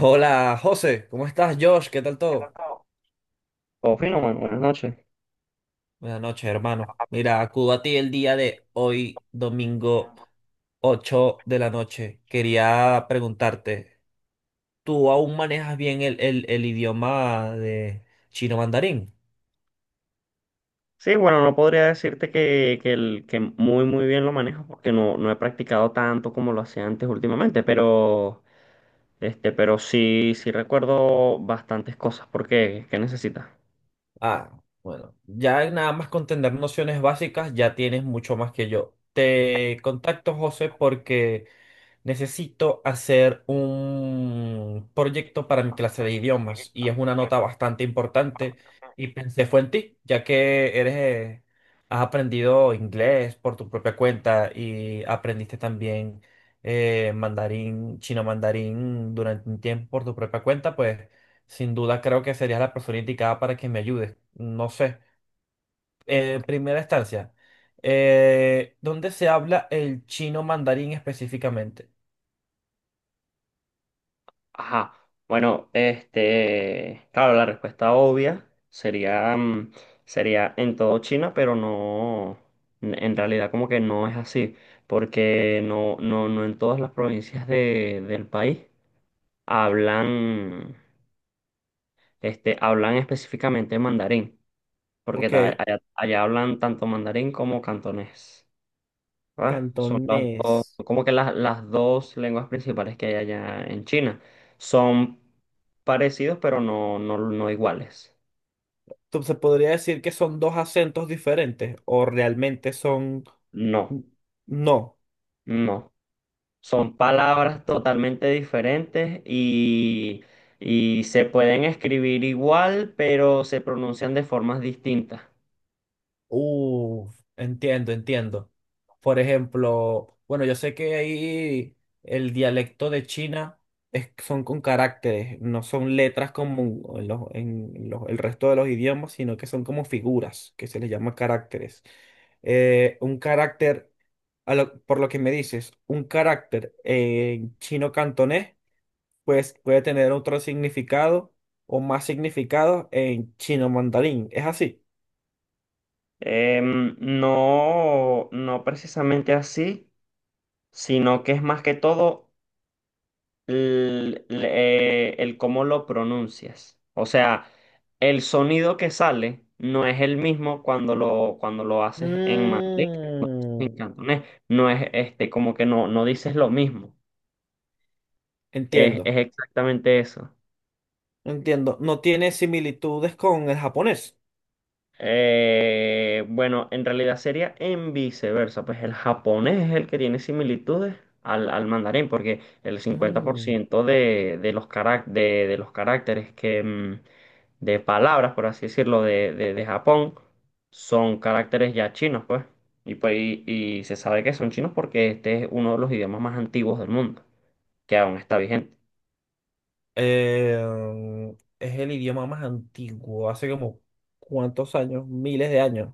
Hola José, ¿cómo estás Josh? ¿Qué tal todo? Oh, fino, mano, buenas noches. Buenas noches, hermano. Mira, acudo a ti el día de hoy, domingo 8 de la noche. Quería preguntarte, ¿tú aún manejas bien el idioma de chino mandarín? Sí, bueno, no podría decirte que muy, muy bien lo manejo porque no he practicado tanto como lo hacía antes últimamente, pero sí recuerdo bastantes cosas. ¿Por qué? ¿Qué necesitas? Ah, bueno, ya nada más con tener nociones básicas ya tienes mucho más que yo. Te contacto, José, porque necesito hacer un proyecto para mi clase de idiomas y es una nota bastante importante y pensé fue en ti, ya que eres, has aprendido inglés por tu propia cuenta y aprendiste también mandarín, chino mandarín durante un tiempo por tu propia cuenta, pues sin duda creo que serías la persona indicada para que me ayudes. No sé. En primera instancia, ¿dónde se habla el chino mandarín específicamente? Ajá. Bueno, claro, la respuesta obvia sería, mm, sería en todo China, pero no, n- en realidad como que no es así, porque no en todas las provincias del país hablan. Hablan específicamente mandarín, porque ta- Ok. allá, allá hablan tanto mandarín como cantonés, ¿verdad? Son las Cantonés. dos, como que las dos lenguas principales que hay allá en China. Son parecidos, pero no iguales. Entonces, ¿se podría decir que son dos acentos diferentes o realmente son... No, No. no. Son palabras totalmente diferentes y se pueden escribir igual, pero se pronuncian de formas distintas. Uh, entiendo, entiendo. Por ejemplo, bueno, yo sé que ahí el dialecto de China es, son con caracteres, no son letras como en el resto de los idiomas, sino que son como figuras, que se les llama caracteres. Un carácter, por lo que me dices, un carácter en chino cantonés, pues puede tener otro significado o más significado en chino mandarín. ¿Es así? No precisamente así. Sino que es más que todo el cómo lo pronuncias. O sea, el sonido que sale no es el mismo cuando lo haces en mandarín, en Mm, cantonés. No es, como que no dices lo mismo. Es, entiendo, es exactamente eso. entiendo. No tiene similitudes con el japonés. Bueno, en realidad sería en viceversa, pues el japonés es el que tiene similitudes al mandarín, porque el cincuenta por Mm, ciento de los caracteres de palabras, por así decirlo, de Japón son caracteres ya chinos, pues. Y se sabe que son chinos porque este es uno de los idiomas más antiguos del mundo, que aún está vigente. Es el idioma más antiguo, hace como cuántos años, miles de años.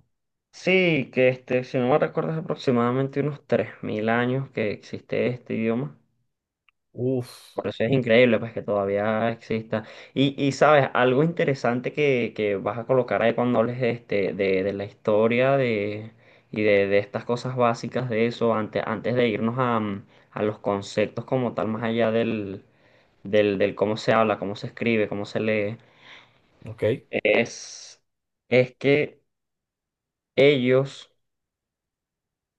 Sí, que si no me recuerdo, es aproximadamente unos 3.000 años que existe este idioma. Uf, Por eso es increíble, pues, que todavía exista. Y sabes, algo interesante que vas a colocar ahí cuando hables de la historia de estas cosas básicas de eso, antes de irnos a los conceptos como tal, más allá del cómo se habla, cómo se escribe, cómo se lee, ok, es, es que ellos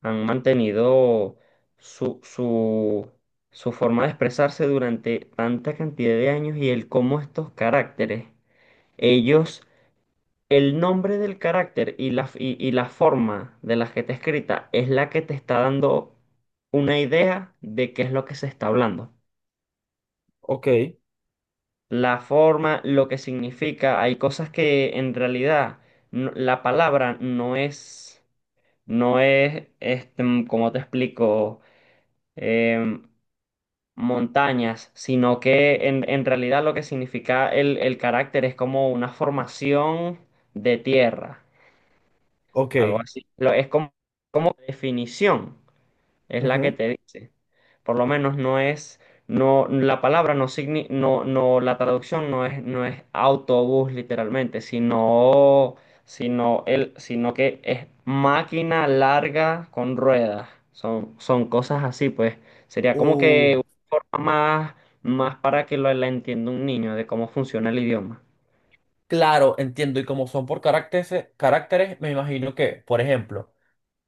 han mantenido su, su, su forma de expresarse durante tanta cantidad de años y el cómo estos caracteres, ellos, el nombre del carácter y la forma de la que está escrita es la que te está dando una idea de qué es lo que se está hablando. ok, La forma, lo que significa, hay cosas que en realidad la palabra no es. ¿Cómo te explico? em, Montañas, sino que en realidad lo que significa el carácter es como una formación de tierra, algo ok. así. Es como definición es la que Ujú. te dice. Por lo menos no es, no, la palabra no signi, la traducción no es autobús literalmente, sino que es máquina larga con ruedas. Son cosas así, pues. Sería como que Uh, una forma más, más para que la entienda un niño de cómo funciona el idioma. claro, entiendo. Y como son por caracteres, caracteres, me imagino que, por ejemplo,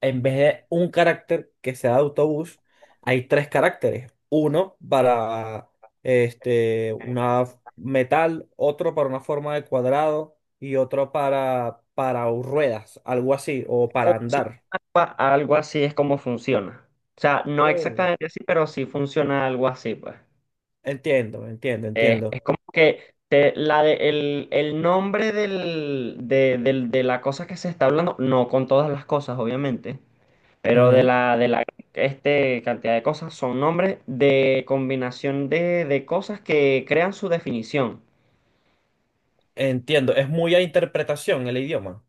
en vez de un carácter que sea de autobús, hay tres caracteres. Uno para una metal, otro para una forma de cuadrado y otro para ruedas, algo así, o para andar. Funciona algo así es como funciona. O sea, no Oh. exactamente así, pero sí funciona algo así, pues. Entiendo, entiendo, entiendo. Es como que el nombre de la cosa que se está hablando, no con todas las cosas, obviamente, pero de Ujú. la, de la este, cantidad de cosas son nombres de combinación de cosas que crean su definición. Entiendo, es muy a interpretación el idioma.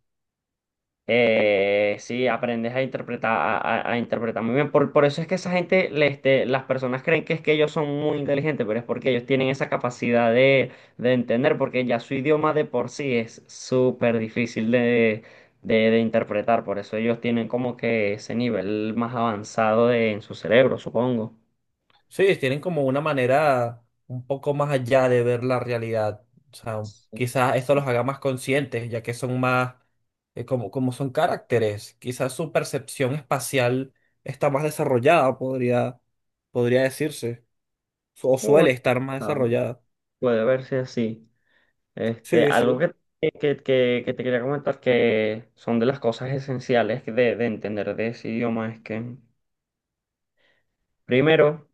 Sí, aprendes a interpretar, a interpretar muy bien. Por eso es que esa gente, las personas creen que es que ellos son muy inteligentes, pero es porque ellos tienen esa capacidad de entender, porque ya su idioma de por sí es súper difícil de interpretar. Por eso ellos tienen como que ese nivel más avanzado en su cerebro, supongo. Sí, tienen como una manera un poco más allá de ver la realidad. O sea, Sí, quizás esto los haga más conscientes, ya que son más, como, como son caracteres. Quizás su percepción espacial está más desarrollada, podría, podría decirse. O bueno, suele estar más desarrollada. puede verse así. Sí, Algo sí. que te quería comentar que son de las cosas esenciales de entender de ese idioma es que, primero,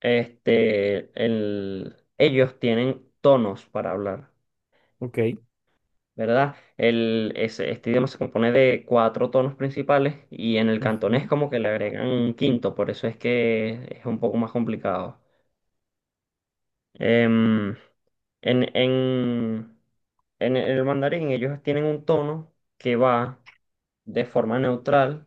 ellos tienen tonos para hablar, Ok. ¿verdad? Este idioma se compone de cuatro tonos principales y en el cantonés Ujú. como que le agregan un quinto, por eso es que es un poco más complicado. Em, en, en, en el mandarín ellos tienen un tono que va, de forma neutral,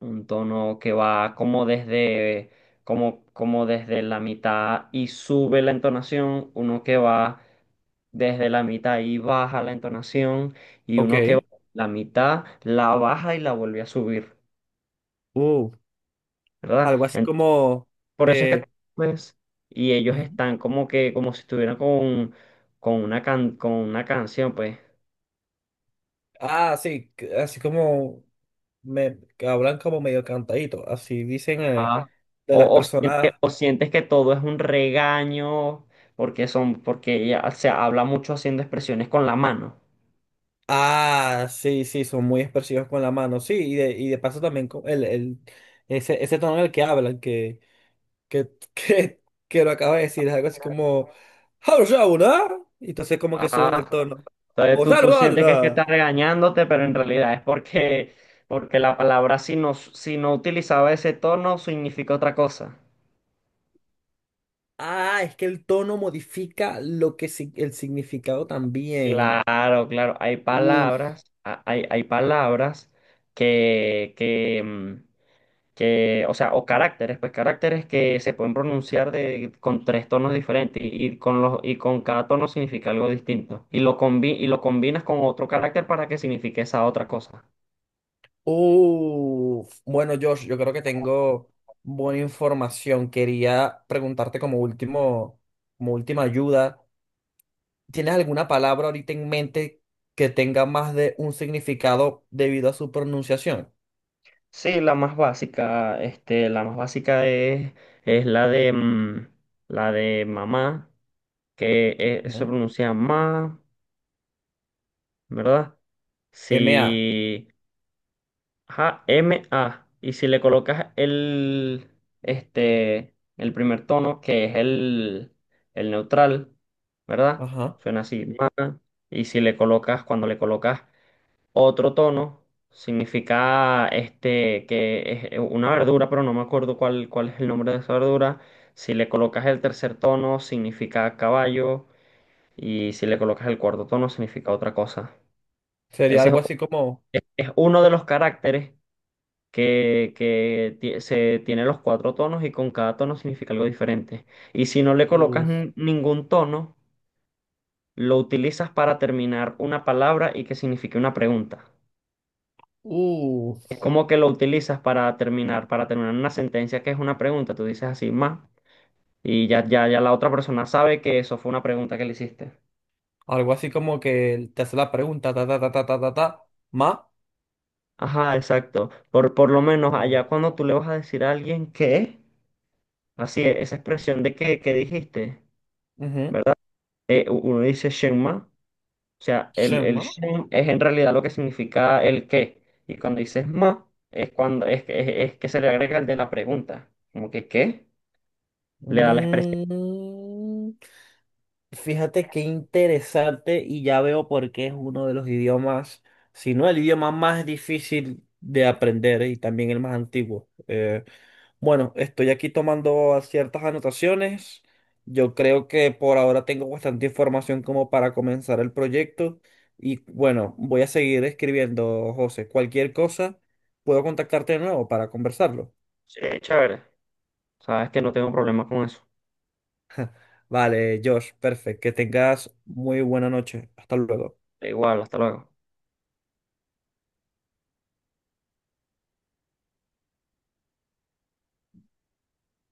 un tono que va como desde la mitad y sube la entonación, uno que va desde la mitad y baja la entonación, y uno que va Ok. la mitad, la baja y la vuelve a subir, Uh, ¿verdad? algo así Entonces, como... por eso es que, eh, pues, y ellos están como que, como si estuvieran con una canción, pues. Ah, sí, así como me que hablan como medio cantadito, así dicen Ajá. de las O, o sientes, personas. o sientes que todo es un regaño porque son, porque ella se habla mucho haciendo expresiones con la mano. Ah, sí, sí, son muy expresivos con la mano, sí, y de paso también con ese, ese tono en el que hablan, que, que, que lo acaba de decir, es algo así como, "Harusauna", y entonces como que suben Ajá. el tono. Entonces O tú sientes que es que está "Saruharuda". regañándote, pero en realidad es porque la palabra si no utilizaba ese tono significa otra cosa. Ah, es que el tono modifica lo que, si el significado también. Claro, claro. Hay palabras que, que, mm, que, o sea, o caracteres, pues caracteres que se pueden pronunciar con tres tonos diferentes y con cada tono significa algo distinto. Y lo combinas con otro carácter para que signifique esa otra cosa. Uf, bueno, Josh, yo creo que tengo buena información. Quería preguntarte como último, como última ayuda, ¿tienes alguna palabra ahorita en mente que tenga más de un significado debido a su pronunciación? Sí, la más básica, la más básica es la de mamá, que se Ujú. pronuncia ma, ¿verdad? MA, Si, ajá, MA. Y si le colocas el primer tono, que es el neutral, ¿verdad? ajá. Suena así, ma. Y si le colocas, cuando le colocas otro tono, significa que es una verdura, pero no me acuerdo cuál es el nombre de esa verdura. Si le colocas el tercer tono, significa caballo. Y si le colocas el cuarto tono, significa otra cosa. Sería Ese es algo así como, es uno de los caracteres que se tiene los cuatro tonos y con cada tono significa algo diferente. Y si no le colocas uf, ningún tono, lo utilizas para terminar una palabra y que signifique una pregunta. Es uf, como que lo utilizas para terminar una sentencia que es una pregunta. Tú dices así, más, y ya la otra persona sabe que eso fue una pregunta que le hiciste. algo así como que te hace la pregunta, ta, ta, ta, ta, ta, ta, ta, ma, Ajá, exacto. Por lo menos allá mm, cuando tú le vas a decir a alguien que, así, esa expresión de que dijiste, ujú, ¿verdad? Uno dice Shenma. O sea, el shema, shen es en realidad lo que significa el qué. Y cuando dices ma, es cuando es que se le agrega el de la pregunta. Como que qué, le da la expresión. mm. Fíjate qué interesante y ya veo por qué es uno de los idiomas, si no el idioma más difícil de aprender y también el más antiguo. Bueno, estoy aquí tomando ciertas anotaciones. Yo creo que por ahora tengo bastante información como para comenzar el proyecto y bueno, voy a seguir escribiendo, José. Cualquier cosa, puedo contactarte de nuevo para conversarlo. Sí, chévere. Sabes que no tengo problema con eso. Vale, Josh, perfecto. Que tengas muy buena noche. Hasta luego. Igual, hasta luego.